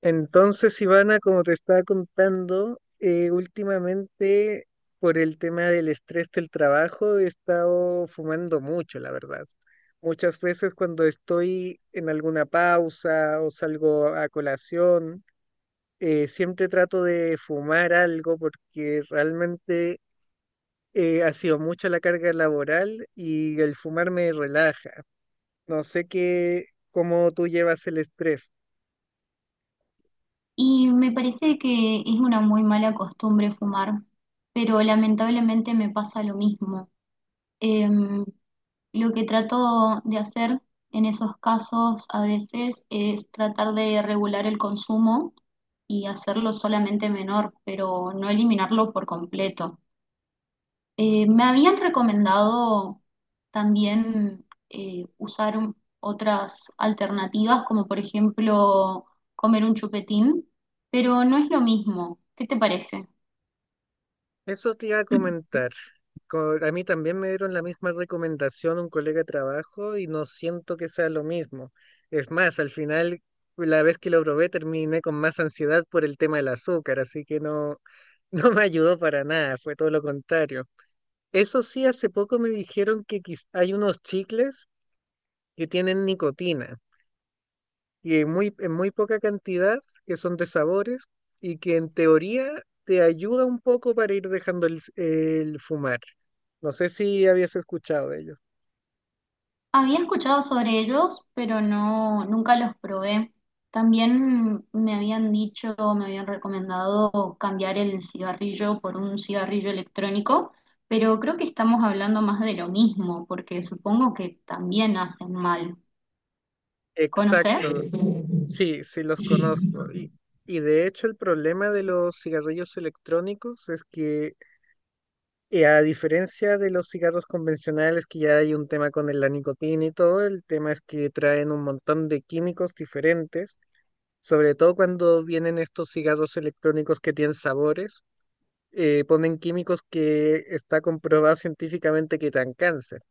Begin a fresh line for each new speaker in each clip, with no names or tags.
Entonces, Ivana, como te estaba contando, últimamente por el tema del estrés del trabajo he estado fumando mucho, la verdad. Muchas veces cuando estoy en alguna pausa o salgo a colación, siempre trato de fumar algo porque realmente ha sido mucha la carga laboral y el fumar me relaja. No sé qué, cómo tú llevas el estrés.
Y me parece que es una muy mala costumbre fumar, pero lamentablemente me pasa lo mismo. Em, lo que trato de hacer en esos casos a veces es tratar de regular el consumo y hacerlo solamente menor, pero no eliminarlo por completo. Me habían recomendado también usar otras alternativas, como por ejemplo comer un chupetín, pero no es lo mismo. ¿Qué te parece?
Eso te iba a comentar. A mí también me dieron la misma recomendación un colega de trabajo y no siento que sea lo mismo. Es más, al final, la vez que lo probé, terminé con más ansiedad por el tema del azúcar, así que no, no me ayudó para nada, fue todo lo contrario. Eso sí, hace poco me dijeron que hay unos chicles que tienen nicotina y en muy poca cantidad, que son de sabores y que en teoría te ayuda un poco para ir dejando el fumar. No sé si habías escuchado de ellos.
Había escuchado sobre ellos, pero no, nunca los probé. También me habían dicho, me habían recomendado cambiar el cigarrillo por un cigarrillo electrónico, pero creo que estamos hablando más de lo mismo, porque supongo que también hacen mal. ¿Conoces?
Exacto, sí, sí los conozco. Y de hecho el problema de los cigarrillos electrónicos es que a diferencia de los cigarros convencionales, que ya hay un tema con la nicotina y todo, el tema es que traen un montón de químicos diferentes. Sobre todo cuando vienen estos cigarros electrónicos que tienen sabores, ponen químicos que está comprobado científicamente que dan cáncer.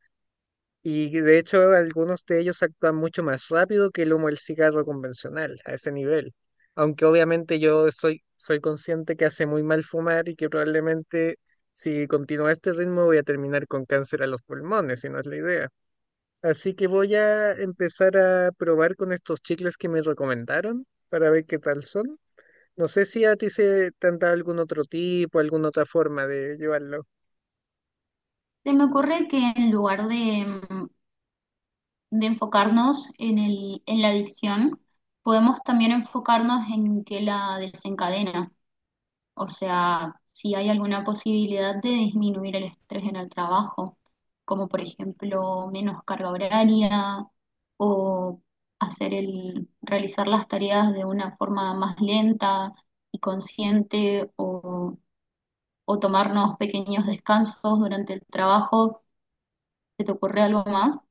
Y que, de hecho, algunos de ellos actúan mucho más rápido que el humo del cigarro convencional, a ese nivel. Aunque obviamente yo soy consciente que hace muy mal fumar y que probablemente si continúa este ritmo voy a terminar con cáncer a los pulmones, si no es la idea. Así que voy a empezar a probar con estos chicles que me recomendaron para ver qué tal son. No sé si a ti se te han dado algún otro tipo, alguna otra forma de llevarlo.
Se me ocurre que en lugar de, de enfocarnos en en la adicción, podemos también enfocarnos en qué la desencadena, o sea, si hay alguna posibilidad de disminuir el estrés en el trabajo, como por ejemplo menos carga horaria o hacer realizar las tareas de una forma más lenta y consciente o tomarnos pequeños descansos durante el trabajo. ¿Se te ocurre algo más?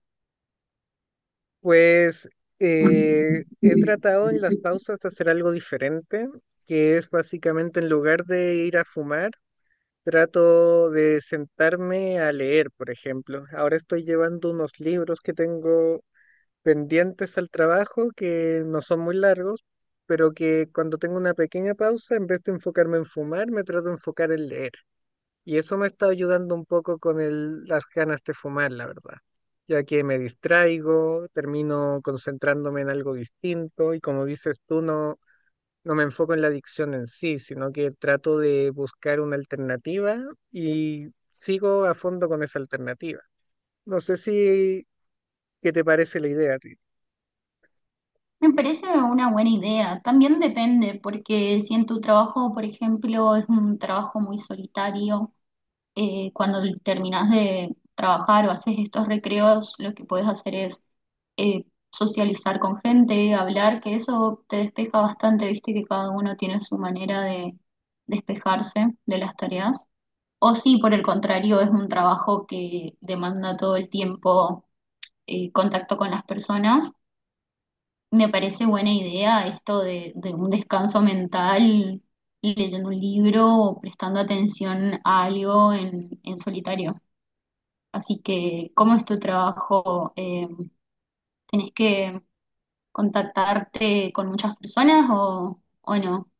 Pues he
Me
tratado en las pausas de hacer algo diferente, que es básicamente, en lugar de ir a fumar, trato de sentarme a leer, por ejemplo. Ahora estoy llevando unos libros que tengo pendientes al trabajo, que no son muy largos, pero que cuando tengo una pequeña pausa, en vez de enfocarme en fumar, me trato de enfocar en leer. Y eso me está ayudando un poco con las ganas de fumar, la verdad, ya que me distraigo, termino concentrándome en algo distinto y, como dices tú, no, no me enfoco en la adicción en sí, sino que trato de buscar una alternativa y sigo a fondo con esa alternativa. No sé si, ¿qué te parece la idea a ti?
parece una buena idea. También depende, porque si en tu trabajo, por ejemplo, es un trabajo muy solitario, cuando terminas de trabajar o haces estos recreos, lo que puedes hacer es eh, socializar con gente, hablar, que eso te despeja bastante, viste que cada uno tiene su manera de despejarse de las tareas. O si por el contrario es un trabajo que demanda todo el tiempo contacto con las personas. Me parece buena idea esto de un descanso mental, leyendo un libro o prestando atención a algo en solitario. Así que, ¿cómo es tu trabajo? ¿Tenés que contactarte con muchas personas o no?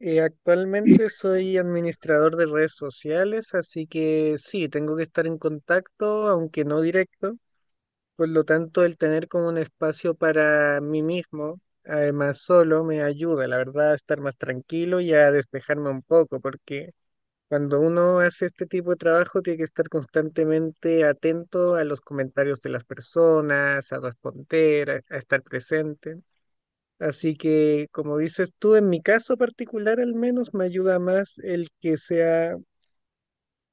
Actualmente soy administrador de redes sociales, así que sí, tengo que estar en contacto, aunque no directo. Por lo tanto, el tener como un espacio para mí mismo, además solo, me ayuda, la verdad, a estar más tranquilo y a despejarme un poco, porque cuando uno hace este tipo de trabajo tiene que estar constantemente atento a los comentarios de las personas, a responder, a estar presente. Así que, como dices tú, en mi caso particular al menos me ayuda más el que sea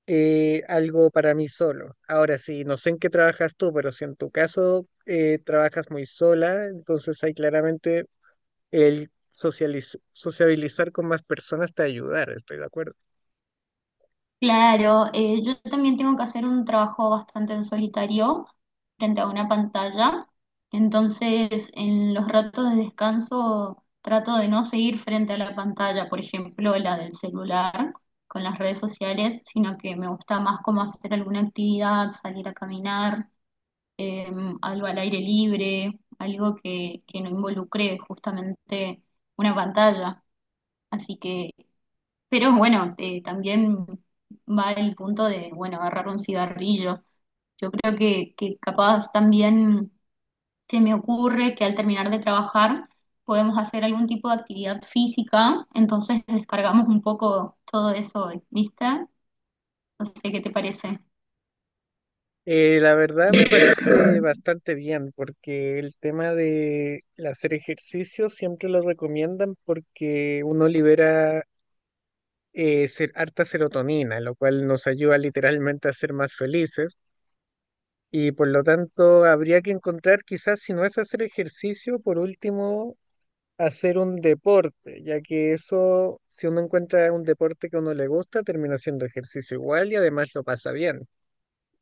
algo para mí solo. Ahora sí, no sé en qué trabajas tú, pero si en tu caso trabajas muy sola, entonces ahí claramente el sociabilizar con más personas te ayudar, estoy de acuerdo.
Claro, yo también tengo que hacer un trabajo bastante en solitario frente a una pantalla, entonces en los ratos de descanso trato de no seguir frente a la pantalla, por ejemplo, la del celular con las redes sociales, sino que me gusta más como hacer alguna actividad, salir a caminar, eh, algo al aire libre, algo que no involucre justamente una pantalla. Así que pero bueno, también va el punto de, bueno, agarrar un cigarrillo. Yo creo que capaz también se me ocurre que al terminar de trabajar podemos hacer algún tipo de actividad física, entonces descargamos un poco todo eso, ¿viste? No sé qué te parece.
La verdad me parece bastante bien porque el tema de el hacer ejercicio siempre lo recomiendan porque uno libera harta serotonina, lo cual nos ayuda literalmente a ser más felices. Y, por lo tanto, habría que encontrar quizás, si no es hacer ejercicio, por último, hacer un deporte, ya que eso, si uno encuentra un deporte que a uno le gusta, termina siendo ejercicio igual y además lo pasa bien.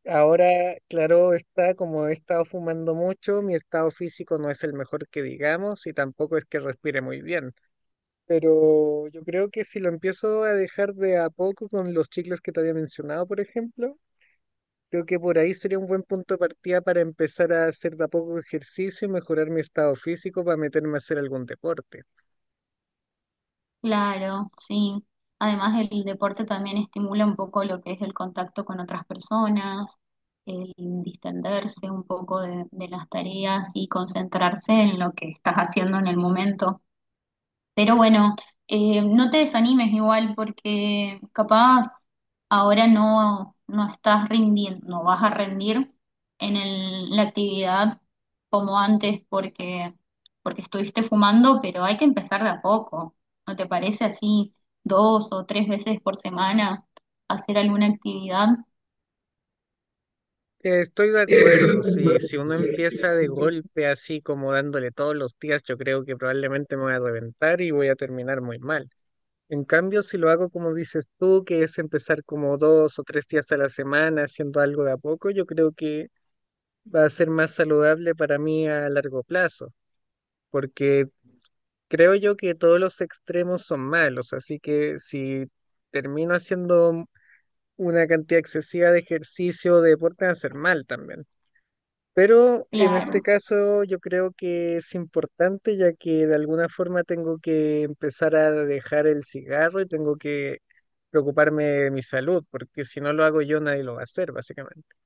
Ahora, claro, está como he estado fumando mucho, mi estado físico no es el mejor que digamos y tampoco es que respire muy bien, pero yo creo que si lo empiezo a dejar de a poco con los chicles que te había mencionado, por ejemplo, creo que por ahí sería un buen punto de partida para empezar a hacer de a poco ejercicio y mejorar mi estado físico para meterme a hacer algún deporte.
Claro, sí. Además, el deporte también estimula un poco lo que es el contacto con otras personas, el distenderse un poco de las tareas y concentrarse en lo que estás haciendo en el momento. Pero bueno, no te desanimes igual porque capaz ahora no, no estás rindiendo, no vas a rendir en la actividad como antes porque, porque estuviste fumando, pero hay que empezar de a poco. ¿No te parece así dos o tres veces por semana hacer alguna actividad?
Estoy de acuerdo, si uno empieza de golpe así como dándole todos los días, yo creo que probablemente me voy a reventar y voy a terminar muy mal. En cambio, si lo hago como dices tú, que es empezar como dos o tres días a la semana haciendo algo de a poco, yo creo que va a ser más saludable para mí a largo plazo, porque creo yo que todos los extremos son malos, así que si termino haciendo una cantidad excesiva de ejercicio, de deporte, va a ser mal también. Pero en este
Claro.
caso yo creo que es importante, ya que de alguna forma tengo que empezar a dejar el cigarro y tengo que preocuparme de mi salud, porque si no lo hago yo, nadie lo va a hacer, básicamente.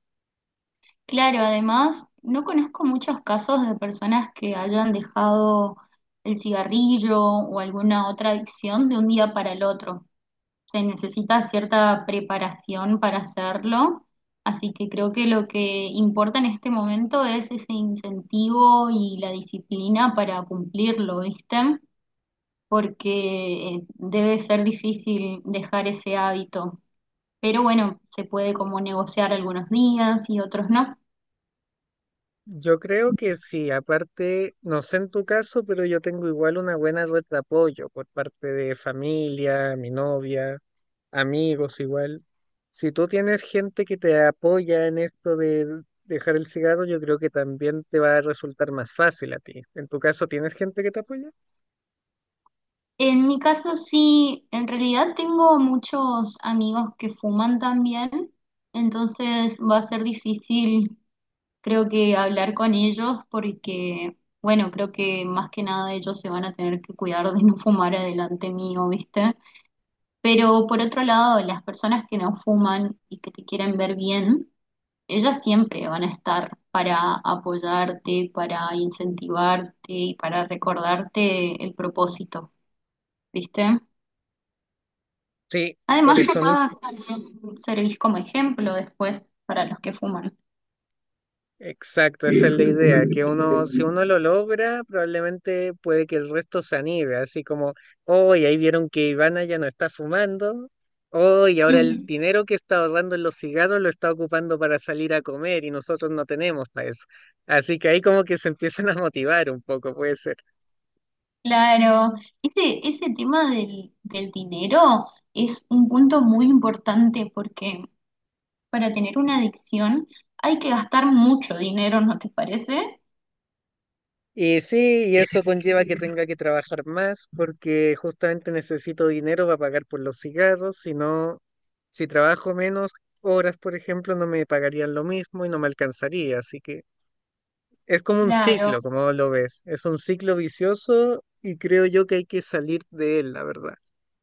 Claro, además, no conozco muchos casos de personas que hayan dejado el cigarrillo o alguna otra adicción de un día para el otro. Se necesita cierta preparación para hacerlo, así que creo que lo que importa en este momento es ese incentivo y la disciplina para cumplirlo, ¿viste? Porque debe ser difícil dejar ese hábito. Pero bueno, se puede como negociar algunos días y otros no.
Yo creo que sí, aparte, no sé en tu caso, pero yo tengo igual una buena red de apoyo por parte de familia, mi novia, amigos igual. Si tú tienes gente que te apoya en esto de dejar el cigarro, yo creo que también te va a resultar más fácil a ti. ¿En tu caso tienes gente que te apoya?
En mi caso sí, en realidad tengo muchos amigos que fuman también, entonces va a ser difícil creo que hablar con ellos porque, bueno, creo que más que nada ellos se van a tener que cuidar de no fumar adelante mío, ¿viste? Pero por otro lado, las personas que no fuman y que te quieren ver bien, ellas siempre van a estar para apoyarte, para incentivarte y para recordarte el propósito, ¿viste?
Sí, por
Además,
eso
capaz
mismo.
también servís como ejemplo después para los que fuman.
Exacto, esa es la idea, que uno, si uno lo logra, probablemente puede que el resto se anime, así como, hoy ahí vieron que Ivana ya no está fumando, hoy ahora el
Ujú.
dinero que está ahorrando en los cigarros lo está ocupando para salir a comer y nosotros no tenemos para eso. Así que ahí como que se empiezan a motivar un poco, puede ser.
Claro, ese tema del, del dinero es un punto muy importante porque para tener una adicción hay que gastar mucho dinero, ¿no te parece?
Y sí, y eso conlleva que tenga que trabajar más porque justamente necesito dinero para pagar por los cigarros, si no, si trabajo menos horas, por ejemplo, no me pagarían lo mismo y no me alcanzaría. Así que es como un
Claro.
ciclo, como lo ves, es un ciclo vicioso y creo yo que hay que salir de él, la verdad.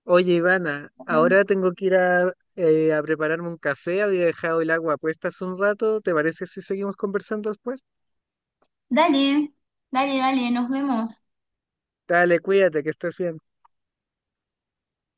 Oye, Ivana, ahora tengo que ir a prepararme un café, había dejado el agua puesta hace un rato, ¿te parece si seguimos conversando después?
Dale, dale, dale, nos vemos.
Dale, cuídate, que estés bien.